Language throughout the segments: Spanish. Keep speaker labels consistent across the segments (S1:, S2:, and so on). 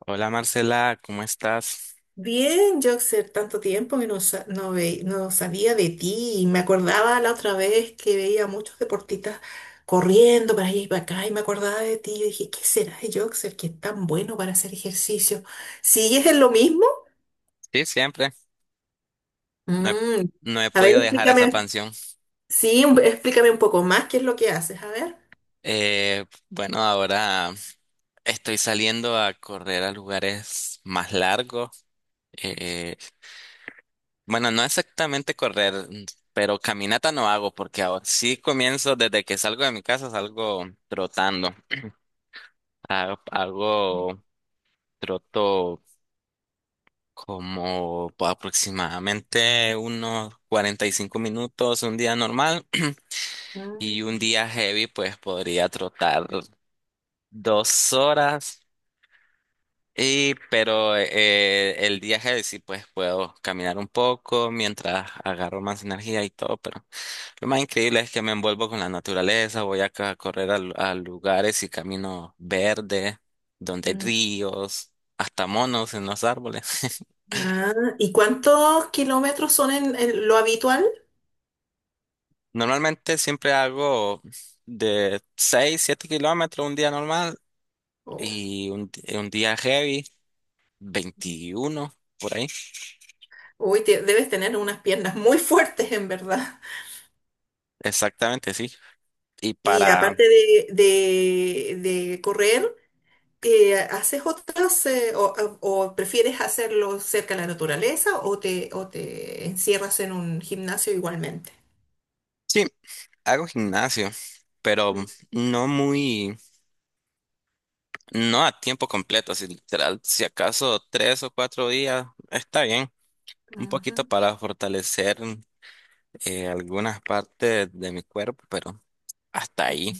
S1: Hola Marcela, ¿cómo estás?
S2: Bien, Joxer, tanto tiempo que no, no sabía de ti y me acordaba la otra vez que veía muchos deportistas corriendo para allá y para acá y me acordaba de ti. Yo dije, ¿qué será de Joxer que es tan bueno para hacer ejercicio? ¿Sigues en lo mismo?
S1: Sí, siempre. No he,
S2: Mm,
S1: no he
S2: A ver,
S1: podido dejar esa
S2: explícame,
S1: pansión.
S2: sí, explícame un poco más qué es lo que haces, a ver.
S1: Bueno, ahora estoy saliendo a correr a lugares más largos. Eh, bueno, no exactamente correr, pero caminata no hago porque ahora sí comienzo desde que salgo de mi casa, salgo trotando. Hago troto como aproximadamente unos 45 minutos un día normal. Y un
S2: Mm.
S1: día heavy, pues podría trotar dos horas. Pero el día heavy sí, pues puedo caminar un poco mientras agarro más energía y todo. Pero lo más increíble es que me envuelvo con la naturaleza. Voy a, correr a, a lugares y camino verde, donde hay
S2: Mm.
S1: ríos, hasta monos en los árboles.
S2: Ah, ¿y cuántos kilómetros son en lo habitual?
S1: Normalmente siempre hago de 6 7 kilómetros un día normal
S2: Oh.
S1: y un día heavy. 21 por ahí.
S2: Uy, debes tener unas piernas muy fuertes, en verdad.
S1: Exactamente, sí. Y
S2: Y
S1: para,
S2: aparte de, de correr, ¿haces otras o prefieres hacerlo cerca de la naturaleza o te encierras en un gimnasio igualmente?
S1: sí, hago gimnasio, pero
S2: Mm.
S1: no muy, no a tiempo completo, si literal, si acaso tres o cuatro días, está bien. Un
S2: Ujú.
S1: poquito para fortalecer algunas partes de mi cuerpo, pero hasta ahí.
S2: Mm.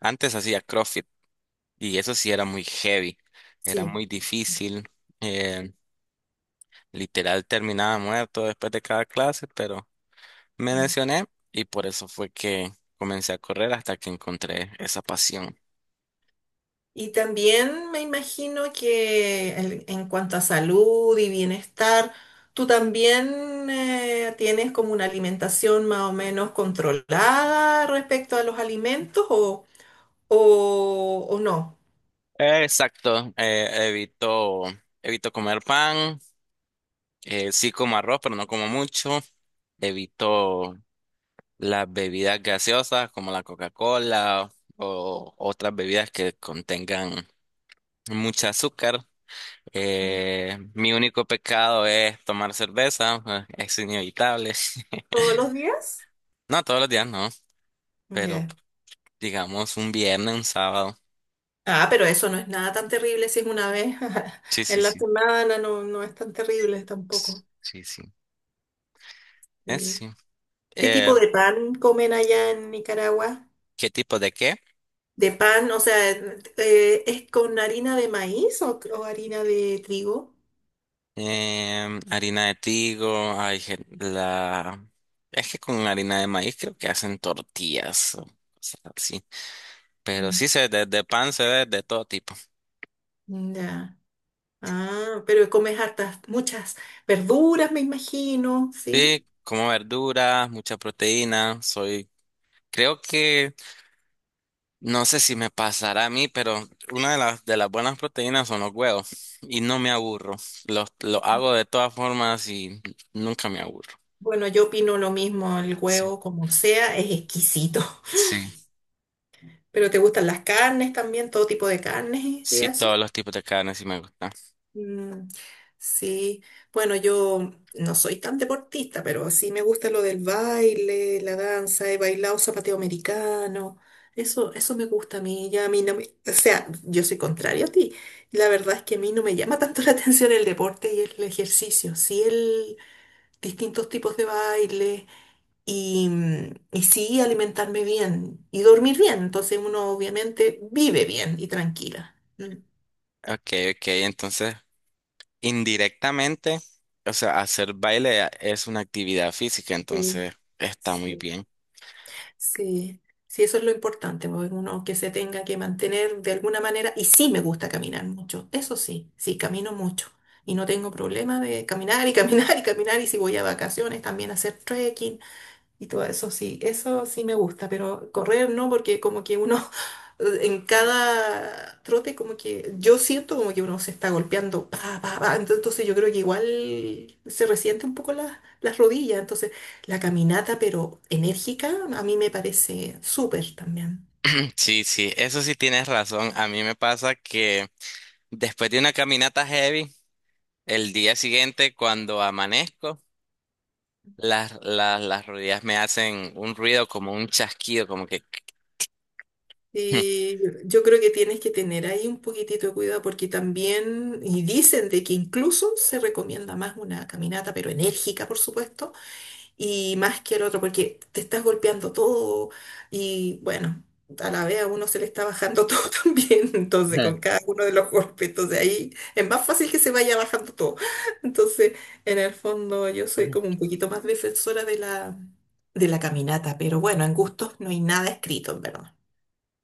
S1: Antes hacía CrossFit y eso sí era muy heavy, era
S2: Sí.
S1: muy difícil. eh, Literal terminaba muerto después de cada clase, pero me
S2: Mm.
S1: lesioné y por eso fue que comencé a correr hasta que encontré esa pasión.
S2: Y también me imagino que en cuanto a salud y bienestar, tú también tienes como una alimentación más o menos controlada respecto a los alimentos o no.
S1: Exacto, evito comer pan, sí como arroz, pero no como mucho. Evito las bebidas gaseosas como la Coca-Cola o otras bebidas que contengan mucho azúcar. Mi único pecado es tomar cerveza, es inevitable.
S2: Todos los días.
S1: No todos los días, no, pero
S2: Ya.
S1: digamos un viernes, un sábado.
S2: Ah, pero eso no es nada tan terrible si es una vez
S1: Sí, sí,
S2: en la
S1: sí.
S2: semana, no, no es tan terrible tampoco.
S1: Sí, sí. Es
S2: Sí.
S1: sí.
S2: ¿Qué
S1: Eh,
S2: tipo de pan comen allá en Nicaragua?
S1: ¿Qué tipo de qué?
S2: ¿De pan, o sea, es con harina de maíz o harina de trigo?
S1: Harina de trigo, hay la... Es que con harina de maíz creo que hacen tortillas o cosas así. Pero
S2: Mm.
S1: sí, se, de pan se ve de todo tipo.
S2: Ya. Ah, pero comes hartas, muchas verduras, me imagino, ¿sí?
S1: Sí, como verduras, mucha proteína. Soy, creo que, no sé si me pasará a mí, pero una de las buenas proteínas son los huevos. Y no me aburro. Los hago de todas formas y nunca me aburro.
S2: Bueno, yo opino lo mismo, el
S1: Sí.
S2: huevo, como sea, es exquisito.
S1: Sí,
S2: ¿Pero te gustan las carnes también, todo tipo de carnes y
S1: sí,
S2: eso?
S1: todos los tipos de carne sí me gustan.
S2: Mm, sí, bueno, yo no soy tan deportista, pero sí me gusta lo del baile, la danza, he bailado zapateo americano, eso me gusta a mí, ya a mí no me, o sea, yo soy contrario a ti, la verdad es que a mí no me llama tanto la atención el deporte y el ejercicio, sí el distintos tipos de baile, y, y sí alimentarme bien y dormir bien. Entonces uno obviamente vive bien y tranquila. Mm.
S1: Ok, ok, entonces indirectamente, o sea, hacer baile es una actividad física,
S2: Sí,
S1: entonces está muy
S2: sí.
S1: bien.
S2: Sí, sí, eso es lo importante, porque uno que se tenga que mantener de alguna manera. Y sí me gusta caminar mucho, eso sí, sí, camino mucho. Y no tengo problema de caminar y caminar y caminar. Y si voy a vacaciones, también hacer trekking. Y todo eso sí me gusta, pero correr no, porque como que uno en cada trote como que yo siento como que uno se está golpeando, pa, pa, pa, entonces yo creo que igual se resiente un poco las rodillas, entonces la caminata pero enérgica a mí me parece súper también.
S1: Sí, sí, eso sí tienes razón. A mí me pasa que después de una caminata heavy, el día siguiente cuando amanezco, las rodillas me hacen un ruido como un chasquido, como que...
S2: Y yo creo que tienes que tener ahí un poquitito de cuidado porque también, y dicen de que incluso se recomienda más una caminata, pero enérgica, por supuesto, y más que el otro, porque te estás golpeando todo y bueno, a la vez a uno se le está bajando todo también, entonces
S1: Ujú.
S2: con cada uno de los golpes, entonces ahí es más fácil que se vaya bajando todo. Entonces, en el fondo yo soy como un poquito más defensora de la caminata, pero bueno, en gustos no hay nada escrito, en verdad.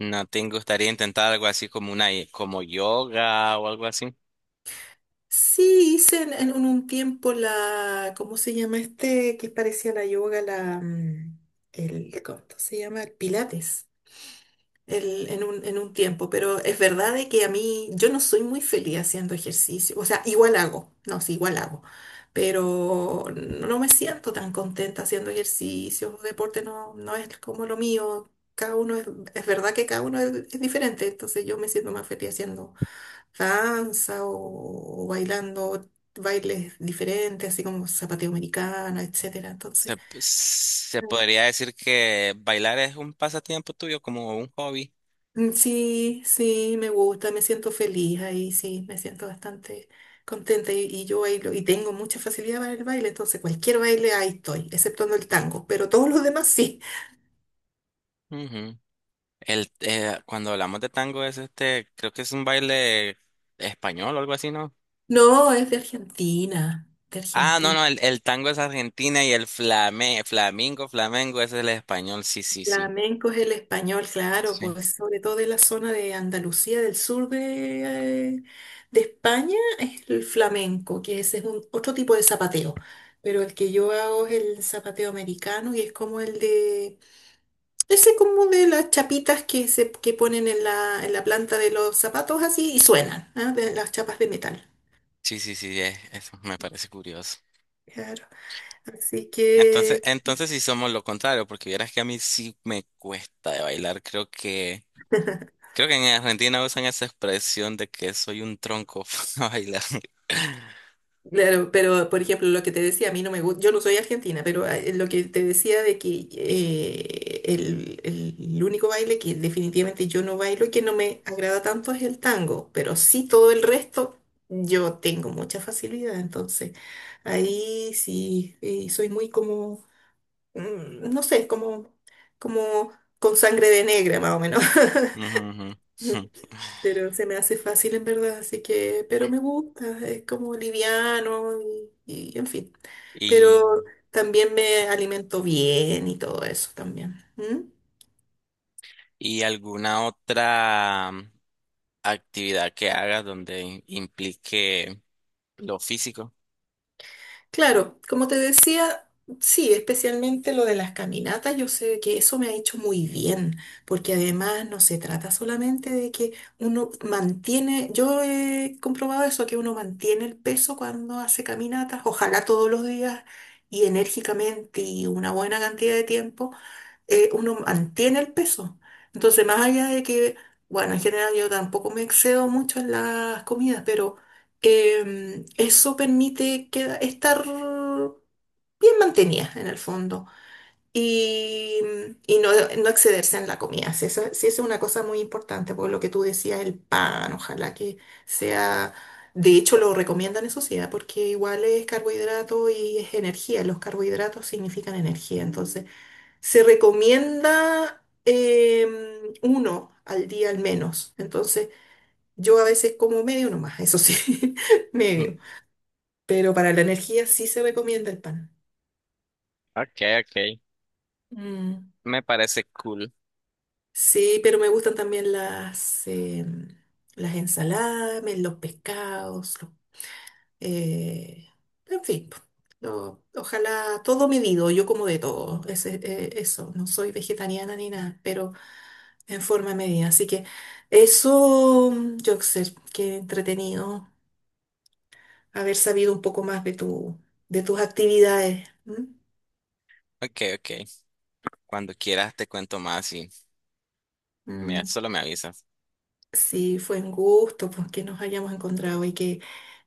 S1: ¿No te gustaría intentar algo así como una, como yoga o algo así?
S2: Sí, hice en un tiempo la, ¿cómo se llama este? Que parecía la yoga, la, mm, el, ¿cómo se llama? El Pilates. En un, en un tiempo, pero es verdad de que a mí yo no soy muy feliz haciendo ejercicio, o sea, igual hago, no, sí, igual hago, pero no me siento tan contenta haciendo ejercicio, deporte no, no es como lo mío, cada uno es verdad que cada uno es diferente, entonces yo me siento más feliz haciendo danza o bailando bailes diferentes, así como zapateo americano, etcétera, entonces...
S1: Se podría decir que bailar es un pasatiempo tuyo, como un hobby.
S2: Mm, sí, sí, me gusta, me siento feliz ahí, sí, me siento bastante contenta y yo bailo y tengo mucha facilidad para el baile, entonces cualquier baile ahí estoy, exceptuando el tango, pero todos los demás sí.
S1: Ujú. Cuando hablamos de tango es este, creo que es un baile español o algo así, ¿no?
S2: No, es de Argentina, de
S1: Ah, no,
S2: Argentina.
S1: no, el tango es Argentina y el flamengo es el español, sí, sí, sí.
S2: Flamenco es el español, claro,
S1: Sí,
S2: pues sobre todo de la zona de Andalucía, del sur de España, es el flamenco, que ese es un, otro tipo de zapateo, pero el que yo hago es el zapateo americano y es como el de... Ese como de las chapitas que se que ponen en la planta de los zapatos así y suenan, ¿ah? De las chapas de metal.
S1: sí, sí, sí, eso me parece curioso.
S2: Claro. Así
S1: Entonces,
S2: que...
S1: entonces sí somos lo contrario, porque vieras que a mí sí me cuesta de bailar, creo que... Creo que en Argentina usan esa expresión de que soy un tronco para bailar.
S2: Claro, pero por ejemplo, lo que te decía, a mí no me gusta, yo no soy argentina, pero ah, lo que te decía de que el único baile que definitivamente yo no bailo y que no me agrada tanto es el tango, pero sí todo el resto yo tengo mucha facilidad, entonces ahí sí, soy muy como mm, no sé, como, como con sangre de negra más o menos.
S1: Ujú, ujú.
S2: Pero se me hace fácil en verdad, así que, pero me gusta, es como liviano y en fin. Pero
S1: Y,
S2: también me alimento bien y todo eso también. ¿Mm?
S1: y alguna otra actividad que hagas donde implique lo físico.
S2: Claro, como te decía, sí, especialmente lo de las caminatas, yo sé que eso me ha hecho muy bien, porque además no se trata solamente de que uno mantiene, yo he comprobado eso, que uno mantiene el peso cuando hace caminatas, ojalá todos los días y enérgicamente y una buena cantidad de tiempo, uno mantiene el peso. Entonces, más allá de que, bueno, en general yo tampoco me excedo mucho en las comidas, pero eso permite que, estar bien mantenida en el fondo y, y no, no excederse en la comida. Si eso, si eso es una cosa muy importante, por lo que tú decías, el pan, ojalá que sea... De hecho, lo recomiendan eso sí, ¿ah? Porque igual es carbohidrato y es energía. Los carbohidratos significan energía. Entonces, se recomienda uno al día al menos. Entonces, yo a veces como medio nomás, eso sí,
S1: Mm.
S2: medio. Pero para la energía sí se recomienda el pan.
S1: Okay, okay.
S2: Mm.
S1: Me parece cool.
S2: Sí, pero me gustan también las, las ensaladas, los pescados, eh, en fin. Po. Ojalá todo medido, yo como de todo, eso, no soy vegetariana ni nada, pero en forma de medida. Así que eso, Joxer, qué entretenido haber sabido un poco más de tu, de tus actividades. ¿Mm?
S1: Okay, okay. Cuando quieras te cuento más y me,
S2: Mm.
S1: solo me avisas.
S2: Sí, fue un gusto pues, que nos hayamos encontrado y que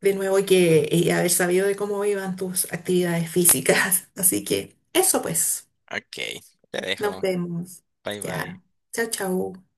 S2: de nuevo y que y haber sabido de cómo iban tus actividades físicas. Así que eso pues,
S1: Okay, te
S2: nos
S1: dejo.
S2: vemos.
S1: Bye bye.
S2: Ya. Chao, chao.